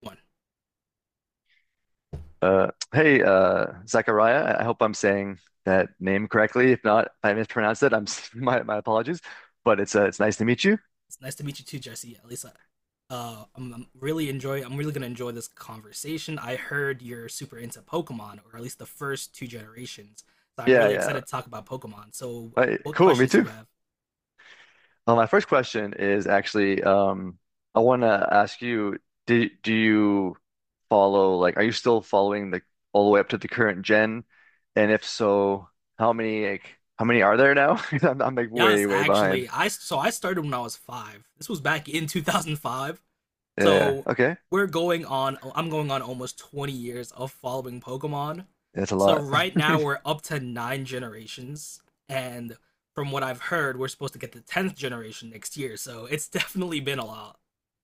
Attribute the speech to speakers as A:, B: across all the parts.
A: One.
B: Hey, Zachariah, I hope I'm saying that name correctly. If not, if I mispronounced it, my apologies. But it's nice to meet you.
A: It's nice to meet you too, Jesse. At least I, I'm really enjoy. I'm really gonna enjoy this conversation. I heard you're super into Pokemon, or at least the first two generations. So I'm
B: Yeah,
A: really
B: yeah.
A: excited to talk about Pokemon. So,
B: Right,
A: what
B: cool, me
A: questions do you
B: too.
A: have?
B: My first question is actually, I want to ask you, do do you follow like, are you still following the all the way up to the current gen? And if so, how many are there now? 'Cause I'm like way
A: Yes,
B: way behind.
A: actually, I started when I was five. This was back in 2005.
B: Yeah. Yeah.
A: So
B: Okay.
A: we're going on I'm going on almost 20 years of following Pokemon.
B: That's a
A: So
B: lot.
A: right now we're up to 9 generations, and from what I've heard we're supposed to get the 10th generation next year. So it's definitely been a lot.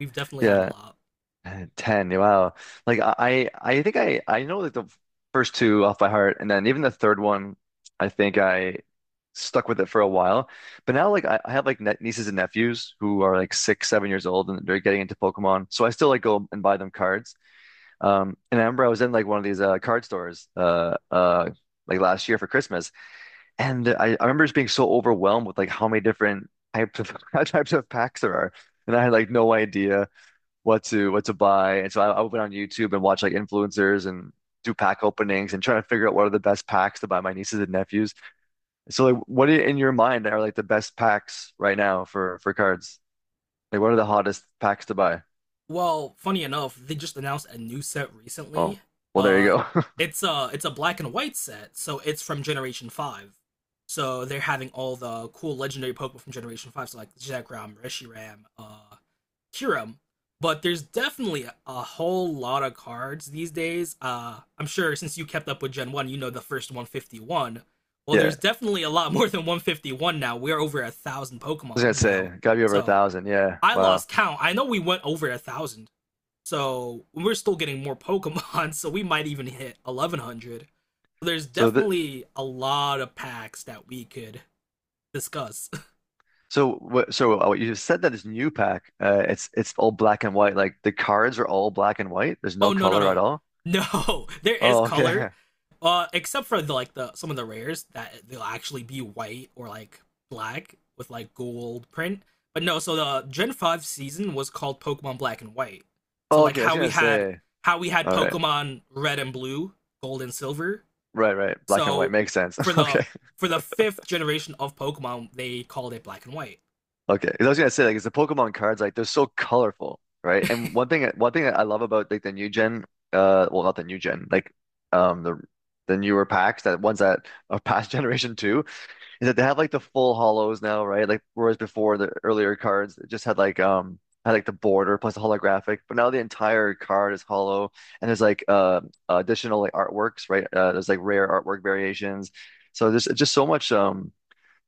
A: We've definitely had a
B: Yeah.
A: lot.
B: 10. Yeah. Wow. Like I think I know like the first two off by heart, and then even the third one I think I stuck with it for a while. But now, like, I have like net nieces and nephews who are like 6, 7 years old and they're getting into Pokemon. So I still like go and buy them cards. And I remember I was in like one of these card stores like last year for Christmas, and I remember just being so overwhelmed with like how many different types of types of packs there are. And I had like no idea what to buy. And so I went on YouTube and watch like influencers and do pack openings and trying to figure out what are the best packs to buy my nieces and nephews. So like what in your mind are like the best packs right now for cards? Like what are the hottest packs to buy?
A: Well, funny enough, they just announced a new set
B: Oh,
A: recently.
B: well there you
A: Uh
B: go.
A: it's a black and white set, so it's from generation 5. So they're having all the cool legendary Pokemon from Generation Five, so like Zekrom, Reshiram, cure. But there's definitely a whole lot of cards these days. I'm sure since you kept up with Gen 1, you know the first 151. Well,
B: Yeah.
A: there's
B: I
A: definitely a lot more than 151 now. We're over a thousand
B: was gonna
A: Pokemon
B: say
A: now.
B: gotta be over a
A: So
B: thousand. Yeah.
A: I
B: Wow.
A: lost count. I know we went over a thousand. So we're still getting more Pokemon. So we might even hit 1100. There's
B: So the
A: definitely a lot of packs that we could discuss.
B: so what you just said, that this new pack, it's all black and white. Like the cards are all black and white. There's
A: Oh
B: no
A: no, no,
B: color at
A: no,
B: all.
A: no! There is
B: Oh, okay.
A: color, except for the like the some of the rares that they'll actually be white or like black with like gold print. But no, so the Gen Five season was called Pokemon Black and White. So
B: Oh, okay. I was gonna say.
A: how we had
B: All right.
A: Pokemon Red and Blue, Gold and Silver.
B: Right, right. Black and white
A: So
B: makes sense.
A: for the
B: Okay.
A: for the fifth generation of Pokemon, they called it Black and White.
B: Okay. 'Cause I was gonna say, like, it's the Pokemon cards, like, they're so colorful, right? And one thing that I love about, like, the new gen, well, not the new gen, like, um, the the newer packs, that ones that are past generation 2, is that they have like the full hollows now, right? Like, whereas before, the earlier cards it just had like the border plus the holographic, but now the entire card is hollow, and there's like, additional like artworks, right? There's like rare artwork variations. So there's just so much.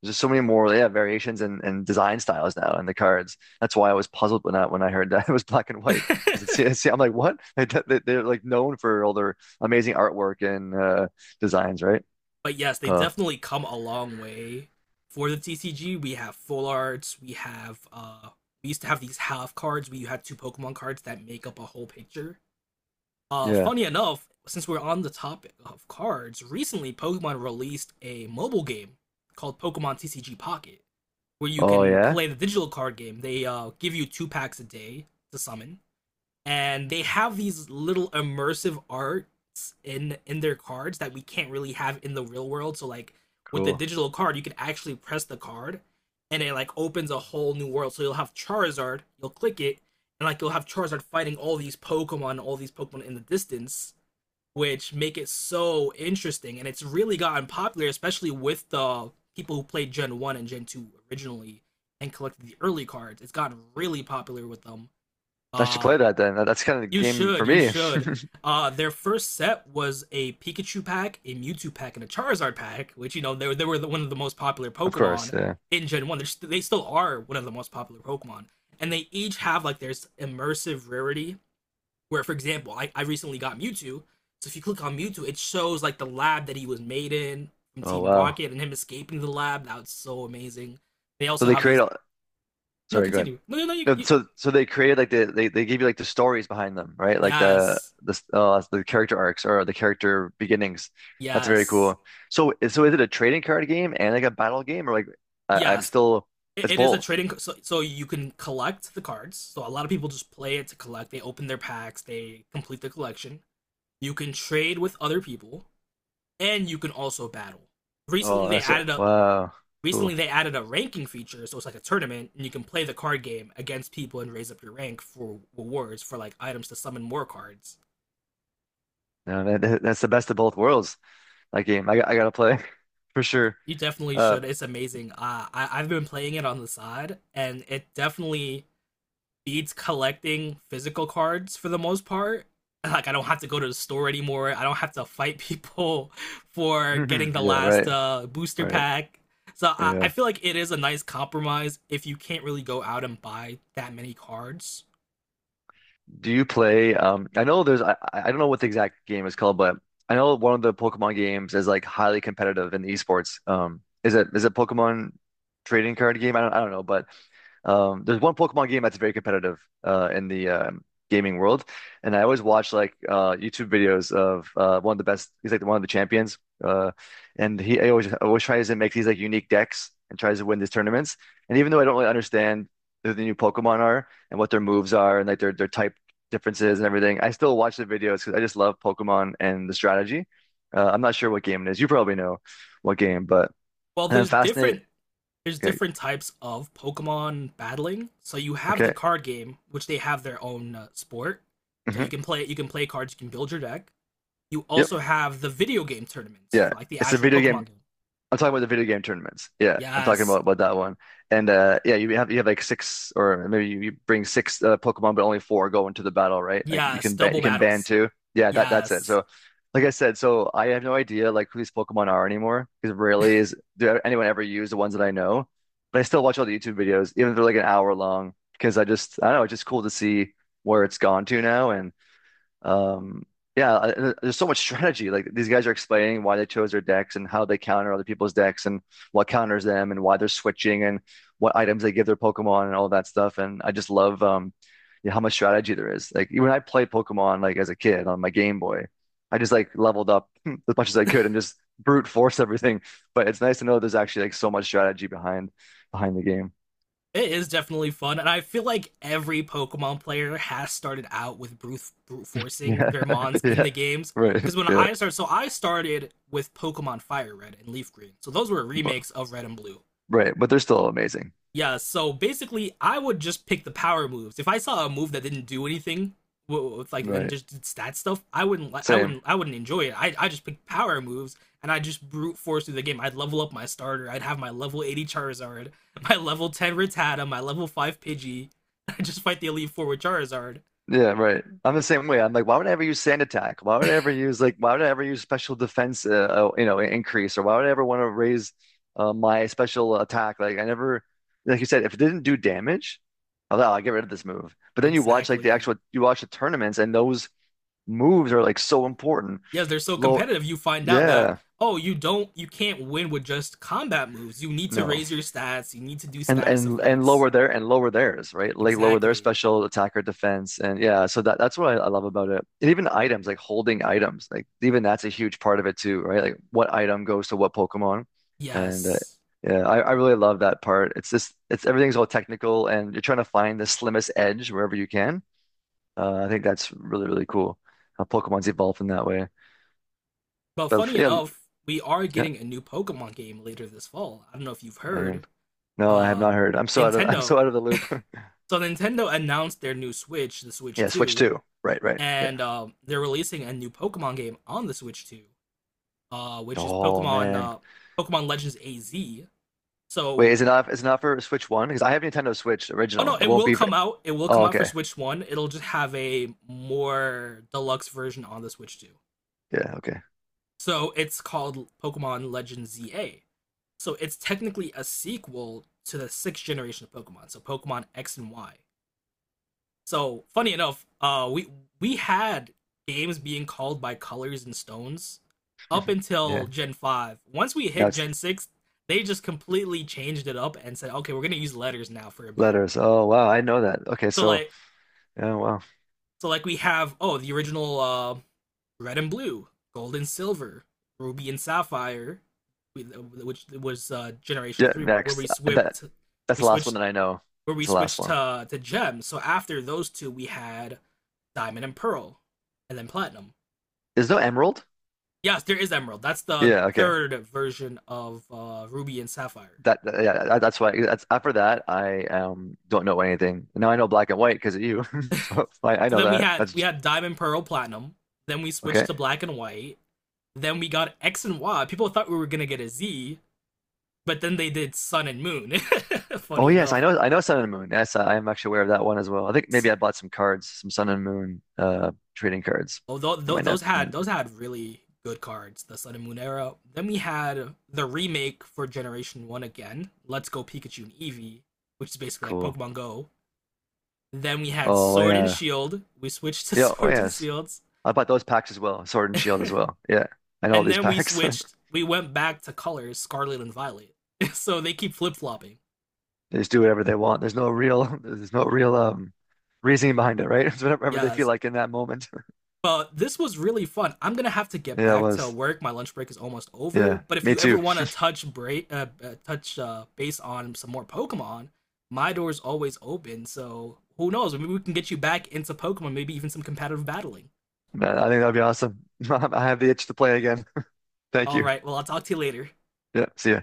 B: There's just so many more, yeah, variations, and design styles now in the cards. That's why I was puzzled when I heard that it was black and white, because it's, it's I'm like, what? They're like known for all their amazing artwork and designs, right?
A: but yes, they
B: Uh,
A: definitely come a long way for the TCG. We have full arts. We have, we used to have these half cards. We had two Pokemon cards that make up a whole picture.
B: yeah.
A: Funny enough, since we're on the topic of cards, recently Pokemon released a mobile game called Pokemon TCG Pocket, where you
B: Oh
A: can
B: yeah,
A: play the digital card game. They give you two packs a day to summon, and they have these little immersive arts in their cards that we can't really have in the real world. So like with the
B: cool.
A: digital card, you can actually press the card, and it like opens a whole new world. So you'll have Charizard, you'll click it, and like you'll have Charizard fighting all these Pokemon in the distance, which make it so interesting. And it's really gotten popular, especially with the people who played Gen 1 and Gen 2 originally and collected the early cards. It's gotten really popular with them.
B: I should
A: uh
B: play that then. That's kind of the
A: you
B: game
A: should,
B: for
A: you
B: me.
A: should. Their first set was a Pikachu pack, a Mewtwo pack, and a Charizard pack, which you know they were one of the most popular
B: Of
A: Pokemon
B: course. Yeah.
A: in Gen One. They're they still are one of the most popular Pokemon, and they each have like their immersive rarity. Where, for example, I recently got Mewtwo, so if you click on Mewtwo, it shows like the lab that he was made in from
B: Oh
A: Team
B: wow.
A: Rocket and him escaping the lab. That was so amazing. They
B: So
A: also
B: they
A: have
B: create
A: these.
B: all.
A: No,
B: Sorry, go ahead.
A: continue. No, no, no.
B: No, so they created like they give you like the stories behind them, right? Like the
A: Yes,
B: the uh, the character arcs or the character beginnings. That's very
A: yes,
B: cool. So is it a trading card game and like a battle game, or like I'm
A: yes.
B: still
A: It,
B: it's
A: it is a
B: both.
A: trading, so, so you can collect the cards. So a lot of people just play it to collect. They open their packs, they complete the collection. You can trade with other people, and you can also battle. Recently,
B: Oh,
A: they
B: that's
A: added a
B: wow,
A: recently
B: cool.
A: they added a ranking feature, so it's like a tournament, and you can play the card game against people and raise up your rank for rewards for like items to summon more cards.
B: No, that's the best of both worlds. That game, I gotta play for sure.
A: You definitely
B: Uh,
A: should. It's amazing. I've been playing it on the side, and it definitely beats collecting physical cards for the most part. Like I don't have to go to the store anymore. I don't have to fight people for getting the
B: yeah,
A: last
B: right,
A: booster
B: right,
A: pack. So I
B: yeah.
A: feel like it is a nice compromise if you can't really go out and buy that many cards.
B: Do you play? I know there's. I don't know what the exact game is called, but I know one of the Pokemon games is like highly competitive in esports. Is it Pokemon trading card game? I don't. I don't know, but there's one Pokemon game that's very competitive in the gaming world, and I always watch like YouTube videos of one of the best. He's like one of the champions, and he I always tries to make these like unique decks and tries to win these tournaments. And even though I don't really understand who the new Pokemon are and what their moves are and like their types differences and everything. I still watch the videos because I just love Pokemon and the strategy. I'm not sure what game it is. You probably know what game, but
A: Well,
B: and I'm fascinated.
A: there's
B: Okay.
A: different types of Pokemon battling. So you have the
B: Okay.
A: card game, which they have their own sport. So
B: Hmm.
A: you can play cards, you can build your deck. You
B: Yep.
A: also have the video game tournaments
B: Yeah.
A: for like the
B: It's a
A: actual
B: video game.
A: Pokemon game.
B: I'm talking about the video game tournaments. Yeah, I'm talking
A: Yes.
B: about that one. And yeah, you have like six, or maybe you bring six Pokemon, but only four go into the battle, right? Like you
A: Yes,
B: can ban
A: double
B: you can ban
A: battles.
B: two. Yeah, that's it.
A: Yes.
B: So, like I said, so I have no idea like who these Pokemon are anymore because rarely is do anyone ever use the ones that I know. But I still watch all the YouTube videos, even if they're like an hour long, because I just, I don't know, it's just cool to see where it's gone to now. Um, yeah, there's so much strategy. Like these guys are explaining why they chose their decks and how they counter other people's decks and what counters them and why they're switching and what items they give their Pokemon and all that stuff. And I just love, yeah, how much strategy there is. Like when I played Pokemon like as a kid on my Game Boy, I just like leveled up as much as I could and just brute force everything. But it's nice to know there's actually like so much strategy behind the game.
A: It is definitely fun, and I feel like every Pokemon player has started out with brute forcing
B: Yeah,
A: their mons in
B: yeah,
A: the games.
B: right,
A: Because when
B: yeah,
A: I started, I started with Pokemon Fire Red and Leaf Green. So those were
B: but,
A: remakes of Red and Blue.
B: right. But they're still amazing.
A: Yeah, so basically, I would just pick the power moves. If I saw a move that didn't do anything, with like and
B: Right,
A: just did stat stuff,
B: same.
A: I wouldn't enjoy it. I just pick power moves, and I just brute force through the game. I'd level up my starter. I'd have my level 80 Charizard, my level 10 Rattata, my level 5 Pidgey. I just fight the elite four with Charizard.
B: Yeah, right. I'm the same way. I'm like, why would I ever use sand attack? Why would I ever use special defense, increase, or why would I ever want to raise my special attack? Like, I never, like you said, if it didn't do damage, I'll get rid of this move. But then you watch like the
A: Exactly.
B: actual, you watch the tournaments, and those moves are like so important.
A: Yes, they're so
B: Low,
A: competitive. You find out that
B: yeah,
A: oh, you can't win with just combat moves. You need to
B: no.
A: raise your stats. You need to do
B: and
A: status
B: and and
A: effects.
B: lower theirs, right? Like lower their
A: Exactly.
B: special attack or defense, and yeah, so that's what I love about it. And even items like holding items, like even that's a huge part of it too, right? Like what item goes to what Pokemon, and
A: Yes.
B: yeah, I really love that part. It's just it's everything's all technical, and you're trying to find the slimmest edge wherever you can. I think that's really really cool how Pokemon's evolved in that way.
A: But
B: But
A: funny
B: yeah,
A: enough, we are
B: yeah,
A: getting a new Pokemon game later this fall. I don't know if you've
B: man,
A: heard.
B: no, I have
A: Uh
B: not heard. I'm so out of I'm
A: Nintendo.
B: so out of the loop.
A: So Nintendo announced their new Switch, the Switch
B: Yeah, Switch
A: 2,
B: two, right, right, yeah.
A: and they're releasing a new Pokemon game on the Switch 2, which is
B: Oh
A: Pokemon
B: man.
A: Pokemon Legends AZ.
B: Wait,
A: So,
B: is it not for Switch 1? Because I have Nintendo Switch
A: oh no,
B: original. It
A: it
B: won't
A: will
B: be for.
A: come out. It will
B: Oh,
A: come out for
B: okay.
A: Switch 1. It'll just have a more deluxe version on the Switch 2.
B: Yeah, okay.
A: So it's called Pokemon Legends ZA. So it's technically a sequel to the sixth generation of Pokemon, so Pokemon X and Y. So funny enough, we had games being called by colors and stones up
B: Mhm. Yeah.
A: until Gen five. Once we
B: Now
A: hit
B: it's
A: Gen six, they just completely changed it up and said, okay, we're gonna use letters now for a bit.
B: letters. Oh wow, I know that. Okay,
A: So
B: so
A: like
B: yeah, wow.
A: we have oh the original red and blue, gold and silver, ruby and sapphire, which was Generation
B: Yeah,
A: Three, where
B: next. Uh, That that's
A: we
B: the last one
A: switched
B: that I know.
A: we
B: That's the last
A: switched
B: one.
A: to gems. So after those two, we had diamond and pearl, and then platinum.
B: There's no Emerald?
A: Yes, there is emerald. That's the
B: Yeah, okay.
A: third version of ruby and sapphire.
B: Yeah, that's why that's after that I don't know anything. Now I know black and white because of you. So I
A: So
B: know
A: then
B: that.
A: we
B: That's
A: had diamond, pearl, platinum. Then we switched
B: okay.
A: to black and white. Then we got X and Y. People thought we were gonna get a Z, but then they did sun and moon.
B: Oh
A: Funny
B: yes, I
A: enough,
B: know I know Sun and Moon. Yes, I am actually aware of that one as well. I think maybe I bought some cards, some Sun and Moon trading cards
A: oh,
B: for my net.
A: those
B: My
A: had
B: net.
A: really good cards. The Sun and Moon era. Then we had the remake for Generation One again. Let's Go Pikachu and Eevee, which is basically like
B: Cool.
A: Pokemon Go. Then we had
B: Oh
A: Sword and
B: yeah.
A: Shield. We switched to
B: Yeah, oh
A: Swords and
B: yes.
A: Shields,
B: I bought those packs as well, Sword and Shield as well. Yeah. And all
A: and
B: these
A: then we
B: packs.
A: switched. We went back to colors Scarlet and Violet. so they keep flip flopping.
B: They just do whatever they want. There's no real there's no real reasoning behind it, right? It's whatever they
A: Yeah,
B: feel like in that moment.
A: but this was really fun. I'm gonna have to get
B: Yeah, it
A: back to
B: was.
A: work. My lunch break is almost over.
B: Yeah.
A: But if
B: Me
A: you ever
B: too.
A: want to touch base on some more Pokemon, my door's always open. So who knows? Maybe we can get you back into Pokemon. Maybe even some competitive battling.
B: I think that'd be awesome. I have the itch to play again. Thank
A: All
B: you.
A: right. Well, I'll talk to you later.
B: Yeah, see ya.